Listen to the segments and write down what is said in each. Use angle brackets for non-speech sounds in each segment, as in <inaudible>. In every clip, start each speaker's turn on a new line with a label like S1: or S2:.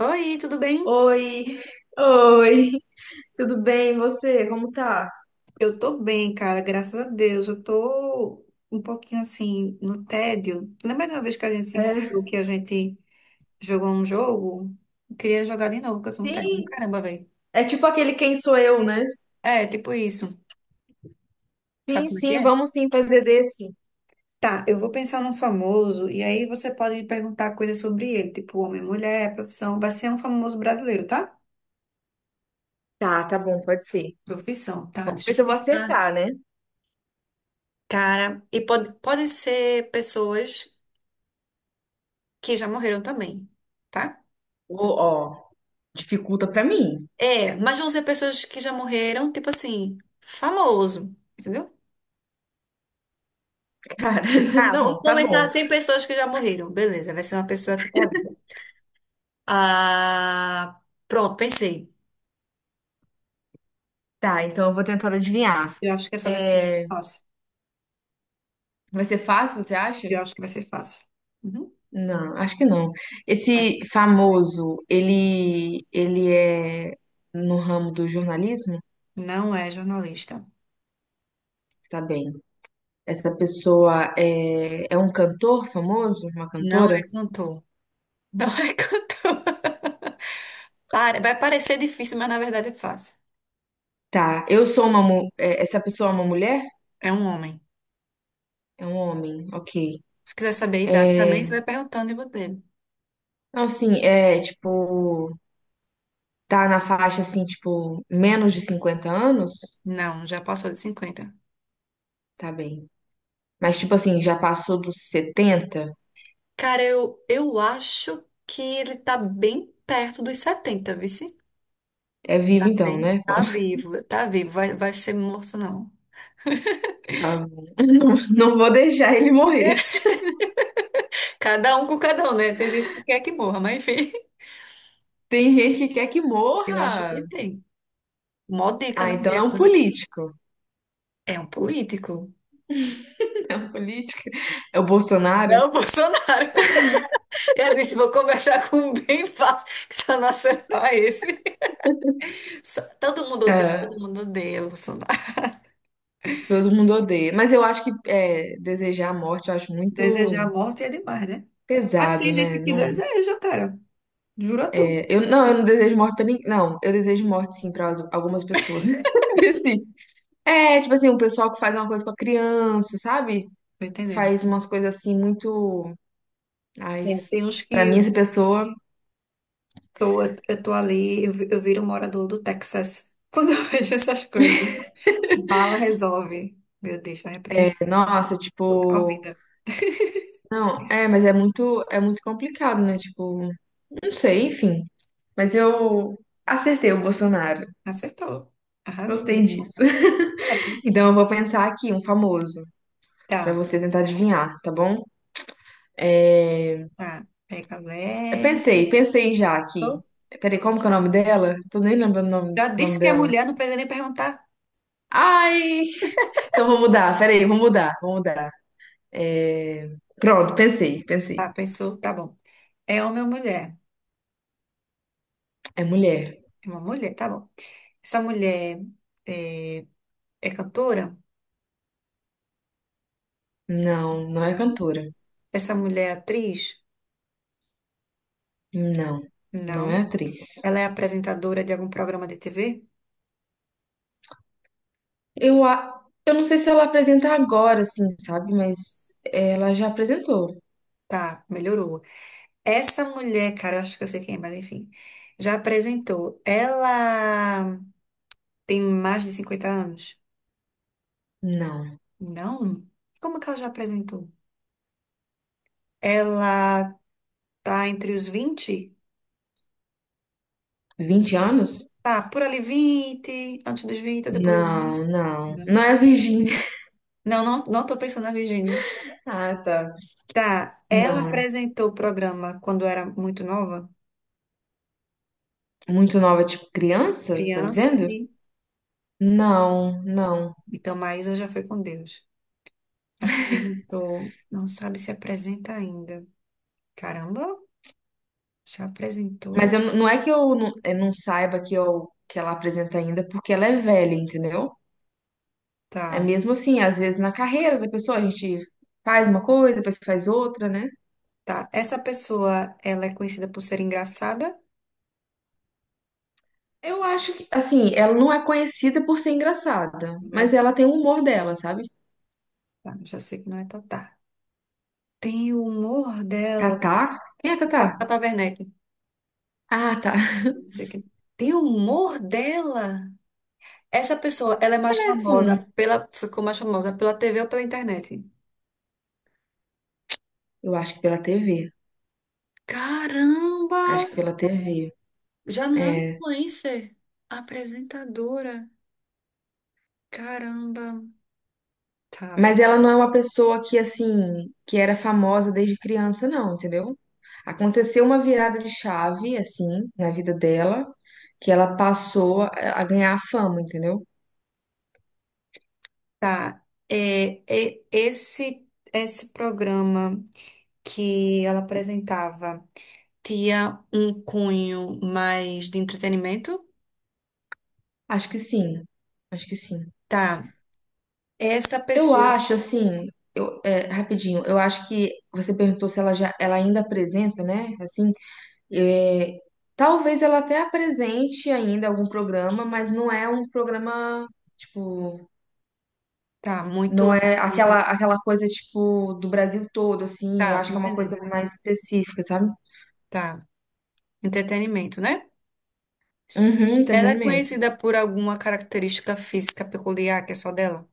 S1: Oi, tudo bem?
S2: Oi, oi, tudo bem? E você, como tá?
S1: Eu tô bem, cara, graças a Deus. Eu tô um pouquinho assim no tédio. Lembra de uma vez que a gente se encontrou
S2: É,
S1: que a gente jogou um jogo? Eu queria jogar de novo, porque eu tô no tédio do
S2: sim,
S1: caramba, velho.
S2: é tipo aquele Quem Sou Eu, né?
S1: É, tipo isso. Sabe
S2: Sim,
S1: como é que
S2: sim,
S1: é?
S2: vamos sim, PDD, sim.
S1: Tá, eu vou pensar num famoso e aí você pode me perguntar coisas sobre ele, tipo homem, mulher, profissão. Vai ser um famoso brasileiro, tá?
S2: Tá, tá bom, pode ser.
S1: Profissão, tá?
S2: Vamos
S1: Deixa
S2: ver
S1: eu
S2: se eu vou
S1: pensar.
S2: acertar, né?
S1: Cara, e pode ser pessoas que já morreram também, tá?
S2: Ô, ó, dificulta pra mim,
S1: É, mas vão ser pessoas que já morreram, tipo assim, famoso, entendeu?
S2: cara. <laughs>
S1: Ah, vamos
S2: Não, tá bom.
S1: começar 100 pessoas que já morreram. Beleza, vai ser uma pessoa que tá viva. Ah, pronto, pensei.
S2: Tá, então eu vou tentar adivinhar.
S1: Eu acho que essa vai ser
S2: É,
S1: fácil.
S2: vai ser fácil, você acha?
S1: Eu acho que vai ser fácil. Uhum,
S2: Não, acho que não.
S1: vai.
S2: Esse famoso, ele é no ramo do jornalismo?
S1: Não é jornalista.
S2: Tá bem. Essa pessoa é um cantor famoso? Uma
S1: Não
S2: cantora?
S1: é cantor. Não é <laughs> cantor. Pare- Vai parecer difícil, mas na verdade é fácil.
S2: Tá. Eu sou uma. Mu- é, Essa pessoa é uma mulher?
S1: É um homem.
S2: É um homem, ok.
S1: Se quiser saber a idade também,
S2: É,
S1: você vai perguntando e vou dele.
S2: não, assim, é tipo. Tá na faixa, assim, tipo, menos de 50 anos?
S1: Não, já passou de 50.
S2: Tá bem. Mas, tipo assim, já passou dos 70.
S1: Cara, eu acho que ele tá bem perto dos 70, viu? Sim?
S2: É
S1: Tá
S2: vivo então,
S1: bem.
S2: né? Bom,
S1: Tá
S2: <laughs>
S1: vivo, tá vivo. Vai, vai ser morto, não.
S2: tá bom. Não, não vou deixar ele morrer.
S1: Cada um com cada um, né? Tem gente que quer que morra, mas enfim. <laughs>
S2: Tem gente que quer que
S1: Eu acho que
S2: morra.
S1: tem. Mó dica,
S2: Ah,
S1: né,
S2: então é um
S1: Débora?
S2: político.
S1: É um político.
S2: É um político. É o Bolsonaro?
S1: É o Bolsonaro. <laughs> E a gente vou conversar com um bem fácil, que se eu não acertar esse. <laughs> Todo
S2: É.
S1: mundo odeia o Bolsonaro.
S2: Todo mundo odeia. Mas eu acho que desejar a morte, eu acho muito
S1: Desejar a morte é demais, né? Mas
S2: pesado,
S1: tem
S2: né?
S1: gente que
S2: Não,
S1: deseja, cara. Juro a tu.
S2: não,
S1: Tô
S2: eu não desejo morte pra ninguém. Não, eu desejo morte, sim, pra algumas pessoas. <laughs> Assim, tipo assim, um pessoal que faz uma coisa com a criança, sabe?
S1: entendendo.
S2: Faz umas coisas assim muito. Ai,
S1: Né? Tem uns
S2: pra
S1: que
S2: mim, essa pessoa,
S1: eu tô ali, eu viro morador do Texas <laughs> quando eu vejo essas coisas. Bala resolve. Meu Deus, tá repreendido.
S2: nossa,
S1: Tô
S2: tipo.
S1: provida.
S2: Não, mas é muito complicado, né? Tipo, não sei, enfim. Mas eu acertei o Bolsonaro.
S1: Acertou.
S2: Gostei
S1: Arrasou.
S2: disso. <laughs> Então eu vou pensar aqui, um famoso. Pra
S1: Tá,
S2: você tentar adivinhar, tá bom? É,
S1: tá. Pega
S2: eu
S1: leve.
S2: pensei já aqui.
S1: Tô-
S2: Peraí, como que é o nome dela? Tô nem lembrando o nome,
S1: Já
S2: o
S1: disse
S2: nome
S1: que é
S2: dela.
S1: mulher, não precisa nem perguntar.
S2: Ai! Então vou mudar, peraí, vou mudar, vou mudar. É, pronto, pensei, pensei.
S1: Tá, pensou, tá bom. É homem ou mulher?
S2: É mulher.
S1: É uma mulher, tá bom. Essa mulher é, é cantora?
S2: Não, não é
S1: Não.
S2: cantora.
S1: Essa mulher é atriz?
S2: Não, não é
S1: Não.
S2: atriz.
S1: Ela é apresentadora de algum programa de TV?
S2: Eu não sei se ela apresenta agora, assim, sabe? Mas ela já apresentou.
S1: Tá, melhorou. Essa mulher, cara, eu acho que eu sei quem é, mas enfim, já apresentou. Ela tem mais de 50 anos?
S2: Não.
S1: Não? Como que ela já apresentou? Ela tá entre os 20.
S2: 20 anos?
S1: Tá, por ali 20, antes dos 20 ou depois dos 20.
S2: Não, não.
S1: Não,
S2: Não é a Virgínia.
S1: não, não, não tô pensando na Virgínia.
S2: <laughs> Ah, tá.
S1: Tá, ela
S2: Não.
S1: apresentou o programa quando era muito nova?
S2: Muito nova, tipo criança, tá
S1: Criança,
S2: dizendo?
S1: sim.
S2: Não, não.
S1: Então, Maísa já foi com Deus. Apresentou, não sabe se apresenta ainda. Caramba! Já
S2: Mas
S1: apresentou?
S2: eu, não é que eu não saiba que, que ela apresenta ainda, porque ela é velha, entendeu? É
S1: Tá,
S2: mesmo assim, às vezes na carreira da pessoa a gente faz uma coisa, depois faz outra, né?
S1: tá. Essa pessoa, ela é conhecida por ser engraçada?
S2: Eu acho que, assim, ela não é conhecida por ser engraçada,
S1: Não é,
S2: mas ela tem o humor dela, sabe?
S1: tá, já sei que não é Tatá. Tem o humor dela.
S2: Tatá? Quem é Tatá?
S1: Tata Werneck.
S2: Ah, tá. <laughs>
S1: Não sei quem. Tem o humor dela? Essa pessoa, ela é mais
S2: É assim,
S1: famosa ficou mais famosa pela TV ou pela internet?
S2: eu acho que pela TV.
S1: Caramba!
S2: Acho que pela TV.
S1: Já não é influencer. Apresentadora. Caramba. Tá,
S2: Mas ela não é uma pessoa que, assim, que era famosa desde criança, não, entendeu? Aconteceu uma virada de chave, assim, na vida dela, que ela passou a ganhar fama, entendeu?
S1: tá. É, esse programa que ela apresentava tinha um cunho mais de entretenimento?
S2: Acho que sim, acho que sim.
S1: Tá. Essa
S2: Eu
S1: pessoa
S2: acho, assim, rapidinho, eu acho que você perguntou se ela ainda apresenta, né? Assim, é, talvez ela até apresente ainda algum programa, mas não é um programa, tipo.
S1: tá muito
S2: Não é
S1: assim.
S2: aquela coisa, tipo, do Brasil todo, assim. Eu
S1: Tá,
S2: acho
S1: tô
S2: que é uma
S1: entendendo.
S2: coisa mais específica, sabe?
S1: Tá. Entretenimento, né?
S2: Uhum,
S1: Ela é
S2: entretenimento.
S1: conhecida por alguma característica física peculiar que é só dela?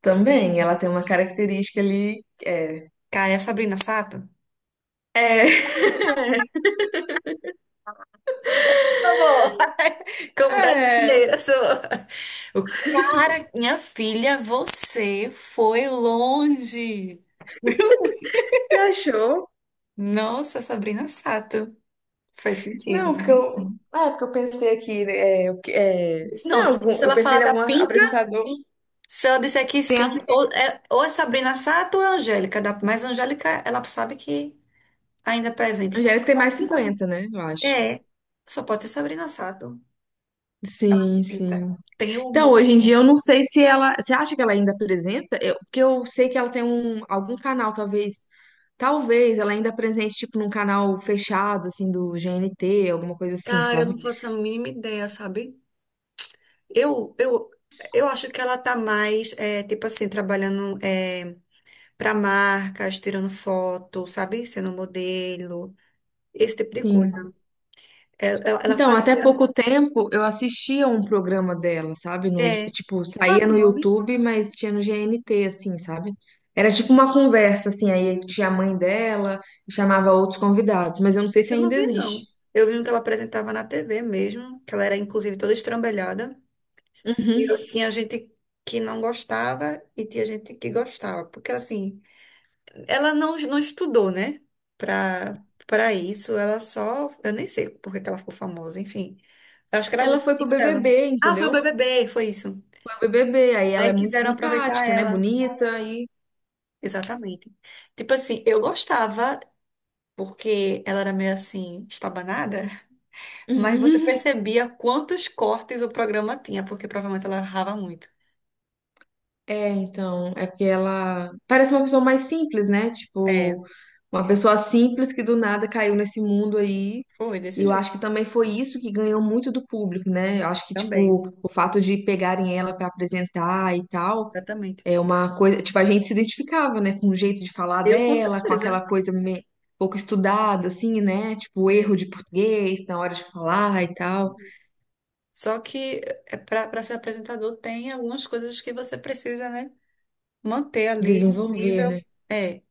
S2: Também,
S1: Sim.
S2: ela tem uma característica ali. É.
S1: Cara, é a Sabrina Sato? Por favor. <laughs> Como
S2: É,
S1: brasileira, sou. Para minha filha, você foi longe.
S2: você achou?
S1: Nossa, Sabrina Sato. Faz sentido,
S2: Não, porque
S1: né?
S2: eu. Ah, é porque eu pensei aqui, né,
S1: Não,
S2: Não,
S1: se se
S2: eu
S1: ela
S2: pensei
S1: falar
S2: em
S1: da
S2: algum
S1: pinta,
S2: apresentador.
S1: se ela disser que sim, ou é Sabrina Sato ou é Angélica. Da, mas Angélica, ela sabe que ainda é presente. Então,
S2: Angélica tem
S1: pode
S2: mais
S1: ser Sabrina.
S2: 50, né? Eu acho.
S1: É, só pode ser Sabrina Sato.
S2: Sim,
S1: Pinta.
S2: sim.
S1: Tem
S2: Então,
S1: uma.
S2: hoje em dia eu não sei se ela. Você acha que ela ainda apresenta? Porque eu sei que ela tem algum canal, talvez. Talvez ela ainda apresente, tipo, num canal fechado, assim, do GNT, alguma coisa assim,
S1: Cara, eu
S2: sabe?
S1: não faço a mínima ideia, sabe? Eu, eu, eu acho que ela tá mais, é, tipo assim, trabalhando. É, para marcas, tirando foto, sabe? Sendo modelo, esse tipo de coisa.
S2: Sim.
S1: Ela
S2: Então, até
S1: fazia.
S2: pouco tempo eu assistia um programa dela, sabe? No,
S1: É.
S2: tipo,
S1: Qual é
S2: saía
S1: o
S2: no
S1: nome?
S2: YouTube, mas tinha no GNT, assim, sabe? Era tipo uma conversa, assim, aí tinha a mãe dela, chamava outros convidados, mas eu não sei se
S1: Esse eu não
S2: ainda
S1: vi, não.
S2: existe.
S1: Eu vi um que ela apresentava na TV mesmo, que ela era inclusive toda estrambelhada. E
S2: Uhum.
S1: tinha gente que não gostava e tinha gente que gostava, porque assim, ela não, não estudou, né? Pra isso, ela só. Eu nem sei por que que ela ficou famosa, enfim. Eu acho que era o
S2: Ela foi pro
S1: objetivo dela.
S2: BBB,
S1: Ah, foi o
S2: entendeu?
S1: BBB, foi isso.
S2: BBB, aí ela
S1: Aí
S2: é muito
S1: quiseram aproveitar
S2: simpática, né?
S1: ela.
S2: Bonita e
S1: Exatamente. Tipo assim, eu gostava, porque ela era meio assim, estabanada, <laughs> mas você
S2: <laughs>
S1: percebia quantos cortes o programa tinha, porque provavelmente ela errava muito.
S2: Então, é porque ela parece uma pessoa mais simples, né?
S1: É,
S2: Tipo, uma pessoa simples que do nada caiu nesse mundo aí.
S1: foi
S2: E
S1: desse
S2: eu
S1: jeito.
S2: acho que também foi isso que ganhou muito do público, né? Eu acho que,
S1: Também.
S2: tipo, o fato de pegarem ela pra apresentar e tal,
S1: Exatamente.
S2: é uma coisa. Tipo, a gente se identificava, né? Com o jeito de falar
S1: Eu com
S2: dela, com aquela
S1: certeza.
S2: coisa pouco estudada, assim, né? Tipo, o
S1: É.
S2: erro de português na hora de falar e tal.
S1: Só que para ser apresentador tem algumas coisas que você precisa, né, manter ali no
S2: Desenvolver,
S1: nível.
S2: né?
S1: É,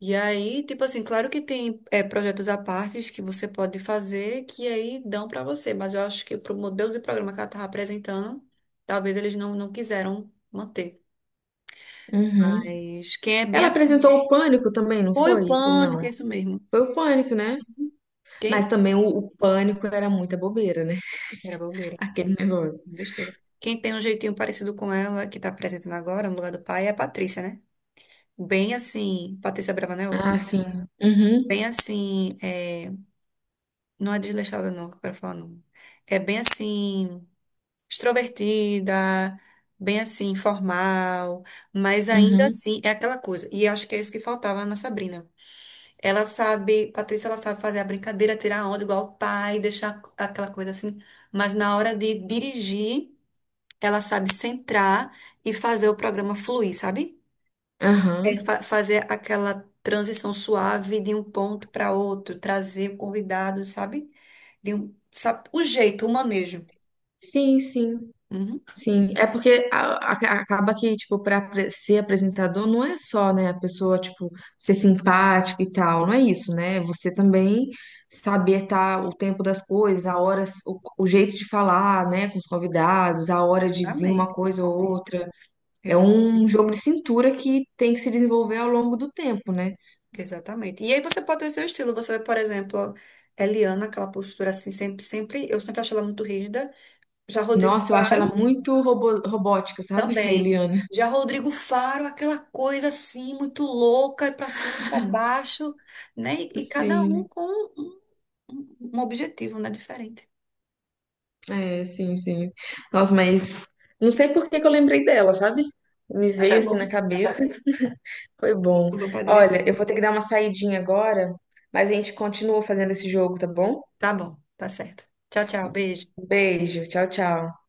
S1: e aí, tipo assim, claro que tem é, projetos à parte que você pode fazer que aí dão para você, mas eu acho que pro modelo de programa que ela estava apresentando, talvez eles não, não quiseram manter.
S2: Uhum.
S1: Mas quem é bem.
S2: Ela
S1: Assim,
S2: apresentou o Pânico também, não
S1: foi o
S2: foi? Ou
S1: pânico,
S2: não?
S1: é isso mesmo.
S2: Foi o Pânico, né?
S1: Quem.
S2: Mas também o Pânico era muita bobeira, né?
S1: Era
S2: <laughs>
S1: bobeira,
S2: Aquele negócio.
S1: besteira. Quem tem um jeitinho parecido com ela, que tá apresentando agora, no lugar do pai, é a Patrícia, né? Bem assim. Patrícia Bravanel?
S2: Ah, sim. Uhum,
S1: Bem assim. É, não é desleixada, não, que eu quero falar, não. É bem assim. Extrovertida, bem assim, formal, mas ainda
S2: uhum,
S1: assim é aquela coisa. E acho que é isso que faltava na Sabrina. Ela sabe, Patrícia, ela sabe fazer a brincadeira, tirar a onda igual o pai, deixar aquela coisa assim, mas na hora de dirigir, ela sabe centrar e fazer o programa fluir, sabe? É
S2: aham.
S1: fazer aquela transição suave de um ponto para outro, trazer o convidado, sabe? De um, sabe? O jeito, o manejo.
S2: Sim, sim,
S1: Uhum.
S2: sim. É porque acaba que, tipo, pra ser apresentador não é só, né, a pessoa, tipo, ser simpático e tal. Não é isso, né? Você também saber tá, o tempo das coisas, a hora, o jeito de falar, né, com os convidados, a hora de vir uma
S1: Exatamente.
S2: coisa ou outra. É um
S1: Exatamente.
S2: jogo de cintura que tem que se desenvolver ao longo do tempo, né?
S1: Exatamente. E aí você pode ter o seu estilo. Você, por exemplo, Eliana, aquela postura assim, eu sempre achei ela muito rígida. Já Rodrigo
S2: Nossa, eu acho ela
S1: Faro,
S2: muito robótica, sabe? <laughs> A
S1: também.
S2: Eliana.
S1: Já Rodrigo Faro, aquela coisa assim, muito louca, e pra cima e pra baixo, né? E cada um
S2: Sim,
S1: com um, um objetivo, né? Diferente.
S2: é, sim, sim. Nossa, mas não sei por que que eu lembrei dela, sabe? Me veio
S1: Achei
S2: assim na
S1: bom.
S2: cabeça. Foi bom.
S1: Bom pra divertir.
S2: Olha, eu vou ter que dar uma saidinha agora, mas a gente continua fazendo esse jogo, tá bom?
S1: Tá bom, tá certo. Tchau, tchau. Beijo.
S2: Beijo, tchau, tchau.